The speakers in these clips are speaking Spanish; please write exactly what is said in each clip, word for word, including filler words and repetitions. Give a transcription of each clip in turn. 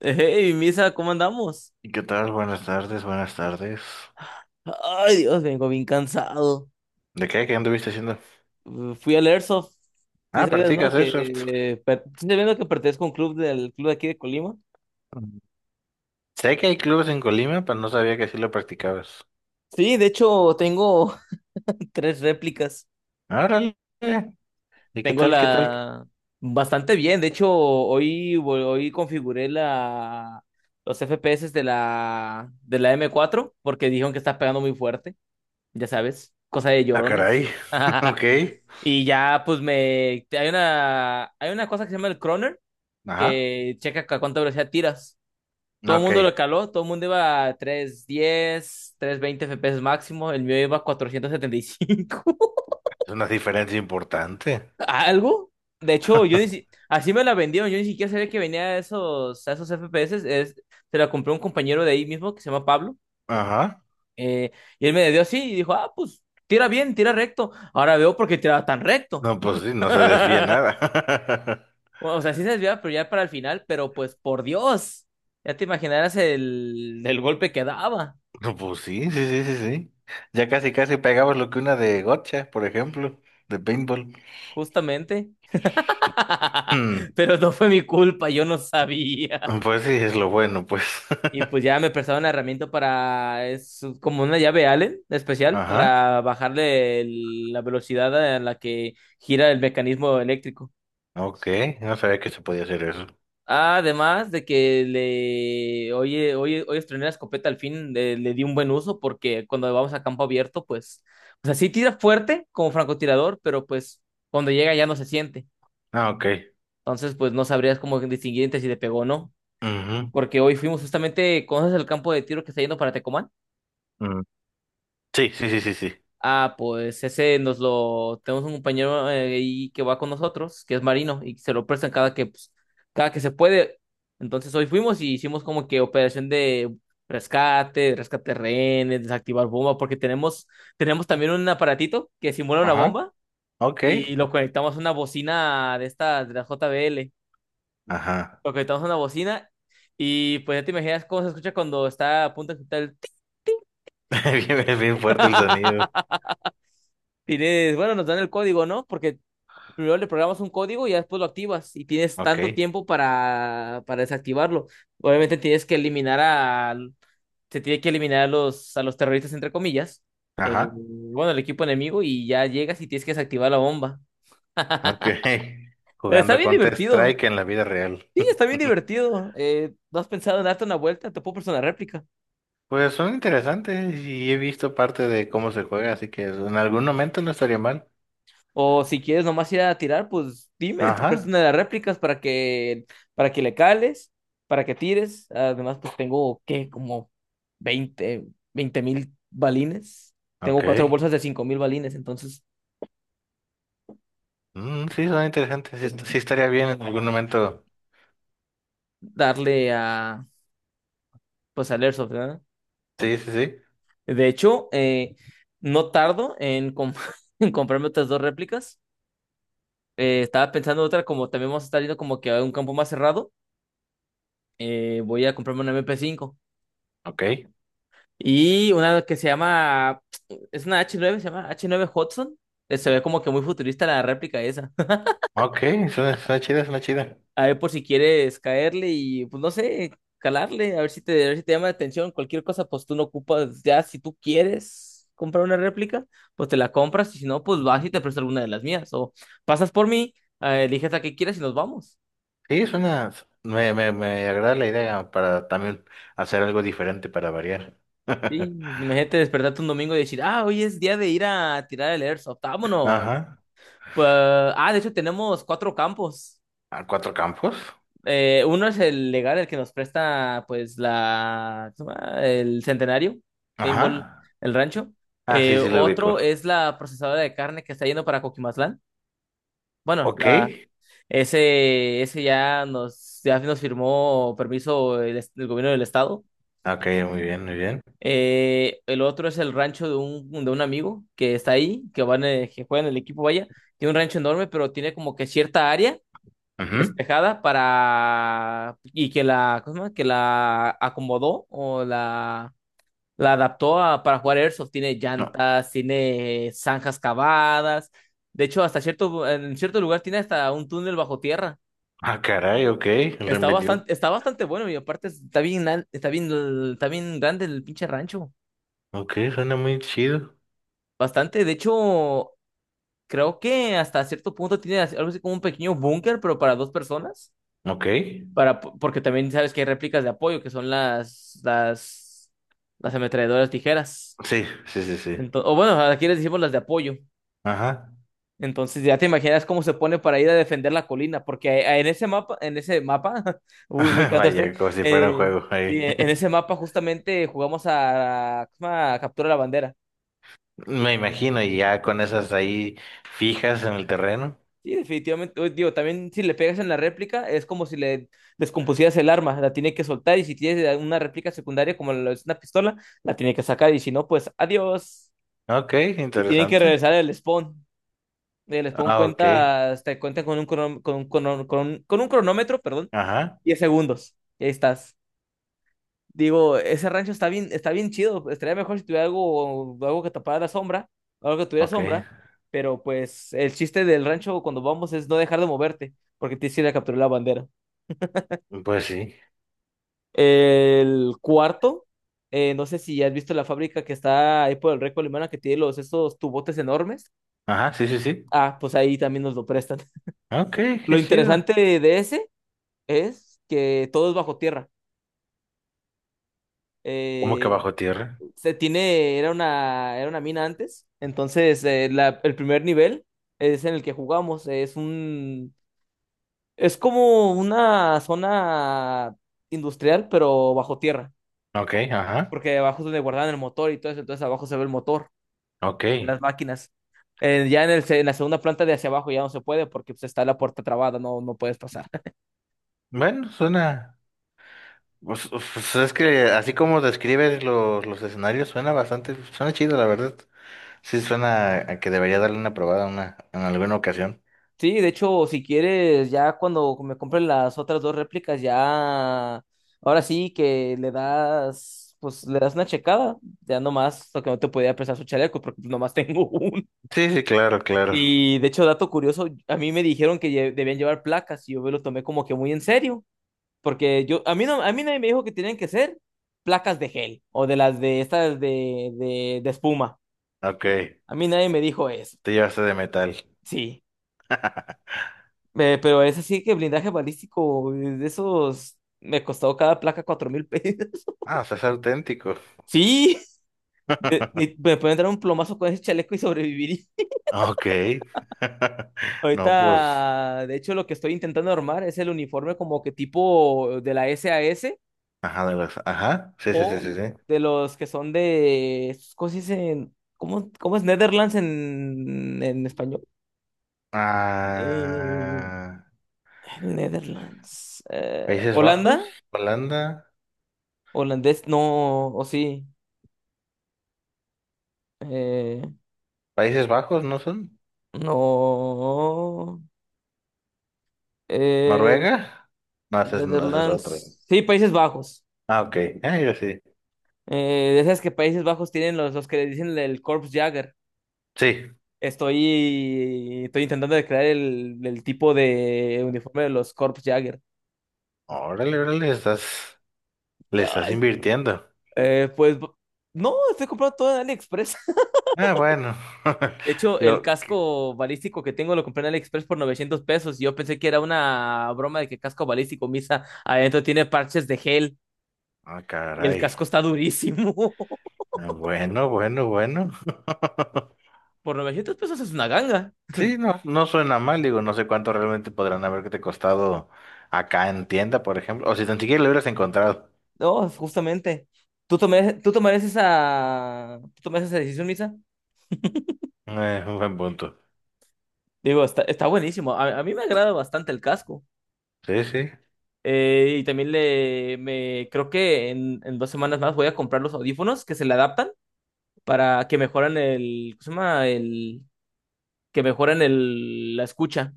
Hey, Misa, ¿cómo andamos? ¿Y ¿Qué tal? Buenas tardes, buenas tardes. Ay, Dios, vengo bien cansado. ¿De qué? ¿Qué anduviste haciendo? Uh, Fui al Airsoft. Sí Ah, sabías, ¿no? practicas Airsoft. Que, per- sí sabías, no, que pertenezco a un club del club de aquí de Colima. Mm. Sé que hay clubes en Colima, pero no sabía que sí lo practicabas. Sí, de hecho, tengo tres réplicas. Árale. ¿Y qué Tengo tal? ¿Qué tal? la... Bastante bien. De hecho, hoy, vol- hoy configuré la... los F P S de la... de la m cuatro porque dijeron que está pegando muy fuerte. Ya sabes, cosa de Ah, caray. llorones. Ok. Y ya, pues me. Hay una, hay una cosa que se llama el Croner, Ajá. que checa a cuánta velocidad tiras. Todo el Ok. mundo Es lo caló, todo el mundo iba a trescientos diez, trescientos veinte F P S máximo, el mío iba a cuatrocientos setenta y cinco. una diferencia importante. ¿Algo? De hecho, yo ni si... así me la vendieron, yo ni siquiera sabía que venía a esos, a esos F P S. Es... Se la compré a un compañero de ahí mismo que se llama Pablo. Ajá. eh, y él me la dio así y dijo: Ah, pues tira bien, tira recto. Ahora veo por qué tiraba tan recto. No, pues sí, no se desvía nada. Bueno, o sea, sí se desviaba, pero ya para el final, pero pues por Dios, ya te imaginarás el, el golpe que daba, No, pues sí, sí, sí, sí, sí. Ya casi, casi pegabas lo que una de gotcha, por ejemplo, de paintball. justamente. Mm. Pero no fue mi culpa, yo no sabía. Pues sí, es lo bueno, pues. Y pues ya me prestaron la herramienta para, es como una llave Allen especial Ajá, para bajarle el- la velocidad a la que gira el mecanismo eléctrico. ok, no sabía que se podía hacer eso. Ah, además de que le, oye, oye, hoy estrené la escopeta al fin, le, le di un buen uso porque cuando vamos a campo abierto, pues, o sea, sí tira fuerte como francotirador, pero pues cuando llega ya no se siente. Ah, ok. Entonces, pues no sabrías cómo distinguir entre si le pegó o no, Ujú, porque hoy fuimos justamente. ¿Conoces el campo de tiro que está yendo para Tecomán? mm. Sí, sí, sí, sí, sí. Ah, pues ese nos lo tenemos un compañero eh, ahí que va con nosotros, que es marino, y se lo prestan cada que, pues, cada que se puede. Entonces hoy fuimos y hicimos como que operación de rescate, rescate de rehenes, desactivar bomba, porque tenemos, tenemos también un aparatito que simula una Ajá, bomba ok. y lo conectamos a una bocina de esta, de la J B L. Ajá. Lo conectamos a una bocina y pues ya te imaginas cómo se escucha cuando está a punto de explotar el... Bien, es bien fuerte el sonido. Tienes, bueno, nos dan el código, ¿no? Porque primero le programas un código y ya después lo activas y tienes Ok, tanto tiempo para, para desactivarlo. Obviamente tienes que eliminar a, se tiene que eliminar a los, a los terroristas, entre comillas, eh, ajá, bueno, el equipo enemigo y ya llegas y tienes que desactivar la bomba. ok. Eh, Está Jugando bien Counter divertido. Strike en la vida real. Sí, está bien divertido. Eh, ¿no has pensado en darte una vuelta? Te puedo prestar una réplica. Pues son interesantes y he visto parte de cómo se juega, así que en algún momento no estaría mal. O si quieres nomás ir a tirar, pues dime, te presto Ajá, una de las réplicas para que, para que le cales, para que tires. Además, pues tengo, ¿qué? Como veinte veinte mil balines. Tengo ok. cuatro bolsas de cinco mil balines, entonces Mm, sí, son interesantes. Sí, sí estaría bien en algún momento. darle a, pues al Airsoft, ¿verdad? Sí, sí, sí. De hecho, eh, no tardo en, com- en comprarme otras dos réplicas. Eh, estaba pensando otra, como también vamos a estar yendo como que a un campo más cerrado. Eh, voy a comprarme una M P cinco. Ok, Y una que se llama, es una h nueve, se llama h nueve Hudson. Eh, Se ve como que muy futurista la réplica esa. ok, suena, suena chida, suena chida. A ver por si quieres caerle y, pues no sé, calarle, a ver si te, a ver si te llama la atención. Cualquier cosa, pues tú no ocupas, ya si tú quieres comprar una réplica, pues te la compras y si no, pues vas y te presto alguna de las mías. O pasas por mí, eh, eliges la que quieras y nos vamos. Sí, suena, me, me, me agrada la idea para también hacer algo diferente para variar. Sí, imagínate despertarte un domingo y decir, ah, hoy es día de ir a tirar el airsoft, vámonos. Ajá. Pues, ah, de hecho tenemos cuatro campos. ¿A cuatro campos? Eh, uno es el legal, el que nos presta, pues, la, ¿cómo se llama? El Centenario, Paintball, Ajá. el rancho. Ah, sí, Eh, sí lo ubico. Otro es la procesadora de carne que está yendo para Coquimatlán. Bueno, Ok. la, ese, ese ya nos, ya nos, firmó permiso el, est- el gobierno del estado. Ok, muy bien, muy bien. Eh, el otro es el rancho de un, de un amigo que está ahí, que van, eh, que juega en el equipo, vaya. Tiene un rancho enorme, pero tiene como que cierta área Ujú. despejada para y que la, ¿cómo se llama? Que la acomodó o la la adaptó a, para jugar Airsoft. Tiene No. llantas, tiene zanjas cavadas. De hecho, hasta cierto en cierto lugar tiene hasta un túnel bajo tierra. Ah, caray, ok. Lo Está inventó. bastante está bastante bueno y aparte está bien al- está bien está bien grande el pinche rancho. Ok, suena muy chido. Bastante, de hecho, creo que hasta cierto punto tiene así- algo así como un pequeño búnker, pero para dos personas. Ok. Para, porque también sabes que hay réplicas de apoyo, que son las, las, las ametralladoras tijeras. Sí, sí, sí, sí. Ento- o bueno, aquí les decimos las de apoyo. Ajá. Entonces ya te imaginas cómo se pone para ir a defender la colina, porque a- a- en ese mapa, en ese mapa, uy, muy Vaya, Counter-Strike, como si fuera un eh, juego y ahí. en ese mapa justamente jugamos a, a, a captura la bandera. Me imagino, y ya con esas ahí fijas en el terreno. Sí, definitivamente. Uy, digo, también si le pegas en la réplica, es como si le descompusieras el arma, la tiene que soltar y si tienes una réplica secundaria como lo es una pistola, la tiene que sacar y si no, pues adiós. Ok, Y tienen que interesante. regresar al spawn. El spawn Ah, ok. cuenta, te cuenta con un, crono- con un crono- con un- con un cronómetro, perdón, Ajá, diez segundos. Y ahí estás. Digo, ese rancho está bien, está bien chido. Estaría mejor si tuviera algo, algo que tapara la sombra, algo que tuviera ok. sombra. Pero pues el chiste del rancho cuando vamos es no dejar de moverte, porque te que ir a capturar la bandera. Pues sí. El cuarto, eh, no sé si has visto la fábrica que está ahí por el Reco Alemana que tiene los, esos tubotes enormes. Ajá, sí, sí, sí. Ah, pues ahí también nos lo prestan. Ok, Lo qué chido. interesante de ese es que todo es bajo tierra. ¿Cómo que Eh, bajo tierra? se tiene, era una, era una mina antes. Entonces, eh, la- el primer nivel es en el que jugamos. Es un, es como una zona industrial, pero bajo tierra. Ok, ajá, Porque abajo es donde guardaban el motor y todo eso. Entonces, abajo se ve el motor de ok. las máquinas. Eh, ya en el, se- en la segunda planta de hacia abajo ya no se puede porque pues, está la puerta trabada, no, no puedes pasar. Bueno, suena. Pues, pues es que así como describes los, los escenarios, suena bastante, suena chido, la verdad. Sí, suena a que debería darle una probada una, en alguna ocasión. Sí, de hecho, si quieres, ya cuando me compren las otras dos réplicas, ya, ahora sí que le das, pues le das una checada, ya nomás, lo que no te podía prestar su chaleco, porque pues, nomás tengo uno. Sí, sí, claro, claro. Y de hecho, dato curioso, a mí me dijeron que lle- debían llevar placas y yo me lo tomé como que muy en serio, porque yo, a mí no, a mí nadie me dijo que tenían que ser placas de gel o de las de estas de, de, de espuma. Ok, A mí nadie me dijo eso, te llevaste de metal. sí. Eh, pero es así que blindaje balístico, eh, de esos, me costó cada placa cuatro mil pesos. Ah, o sea, es auténtico. Sí, de- li- me pueden dar un plomazo con ese chaleco y sobrevivir. Ok. No, pues. Ahorita, de hecho, lo que estoy intentando armar es el uniforme como que tipo de la S A S Ajá, de las. Ajá. Sí, sí, sí, sí, o sí. de los que son de, estos, ¿cómo se dice? ¿Cómo, cómo es Netherlands en, en español? Eh, Ah, Netherlands. eh, Países Bajos, ¿Holanda? Holanda, ¿Holandés? No, o sí. eh, Países Bajos, ¿no son? No. Eh, Noruega, no, ese es, no, ese es otro. Netherlands. Sí, Países Bajos. Ah, ok, ah, yo sí. Eh, decías que Países Bajos tienen los, los que le dicen el Corps Jagger. Sí, Estoy, estoy intentando de crear el, el tipo de uniforme de los Corps Jagger. órale, órale, estás, le estás Ay. invirtiendo. Eh, pues no, estoy comprando todo en AliExpress. Ah, bueno, De hecho, el lo que, casco balístico que tengo lo compré en AliExpress por novecientos pesos. y yo pensé que era una broma de que casco balístico, Misa, adentro tiene parches de gel ah, y el caray. casco está durísimo. Ah, bueno, bueno, bueno. Por novecientos pesos es una ganga. Sí, no, no suena mal, digo, no sé cuánto realmente podrán haberte costado acá en tienda, por ejemplo, o si tan siquiera lo hubieras encontrado. No, justamente. ¿Tú tomarías, tú tomarías esa, tú tomarías esa decisión, Misa? Eh, un buen punto. Digo, está, está buenísimo. A, a mí me agrada bastante el casco. Sí, sí, Eh, y también le me creo que en, en dos semanas más voy a comprar los audífonos que se le adaptan para que mejoran el, ¿cómo se llama? El, que mejoran el, la escucha.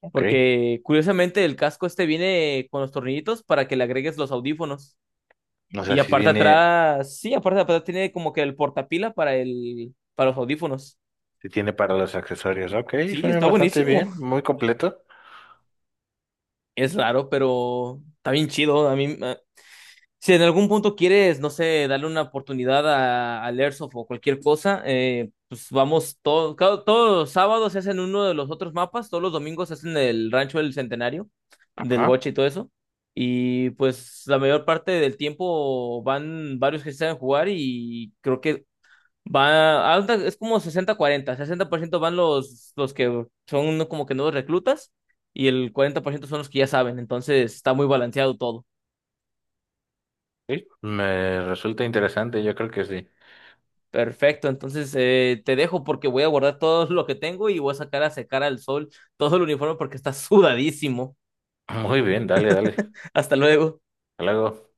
ok. Porque curiosamente el casco este viene con los tornillitos para que le agregues los audífonos. O Y sea, si aparte viene, atrás, sí, aparte atrás tiene como que el portapila para el, para los audífonos. si tiene para los accesorios. Ok, Sí, suena está bastante buenísimo. bien, muy completo. Es raro, pero está bien chido. A mí, eh, si en algún punto quieres, no sé, darle una oportunidad a, al Airsoft o cualquier cosa, eh, pues vamos, todo, cada- todos los sábados se hacen uno de los otros mapas, todos los domingos se hacen el Rancho del Centenario, del Ajá. Goche y todo eso. Y pues la mayor parte del tiempo van varios que se saben jugar y creo que Va, haz de- es como sesenta cuarenta. Sesenta por ciento van los, los que son como que nuevos reclutas y el cuarenta por ciento son los que ya saben. Entonces está muy balanceado todo. Sí. Me resulta interesante, yo creo que sí. Perfecto, entonces eh, te dejo porque voy a guardar todo lo que tengo y voy a sacar a secar al sol todo el uniforme porque está sudadísimo. Muy bien, dale, dale. Hasta Hasta luego. luego.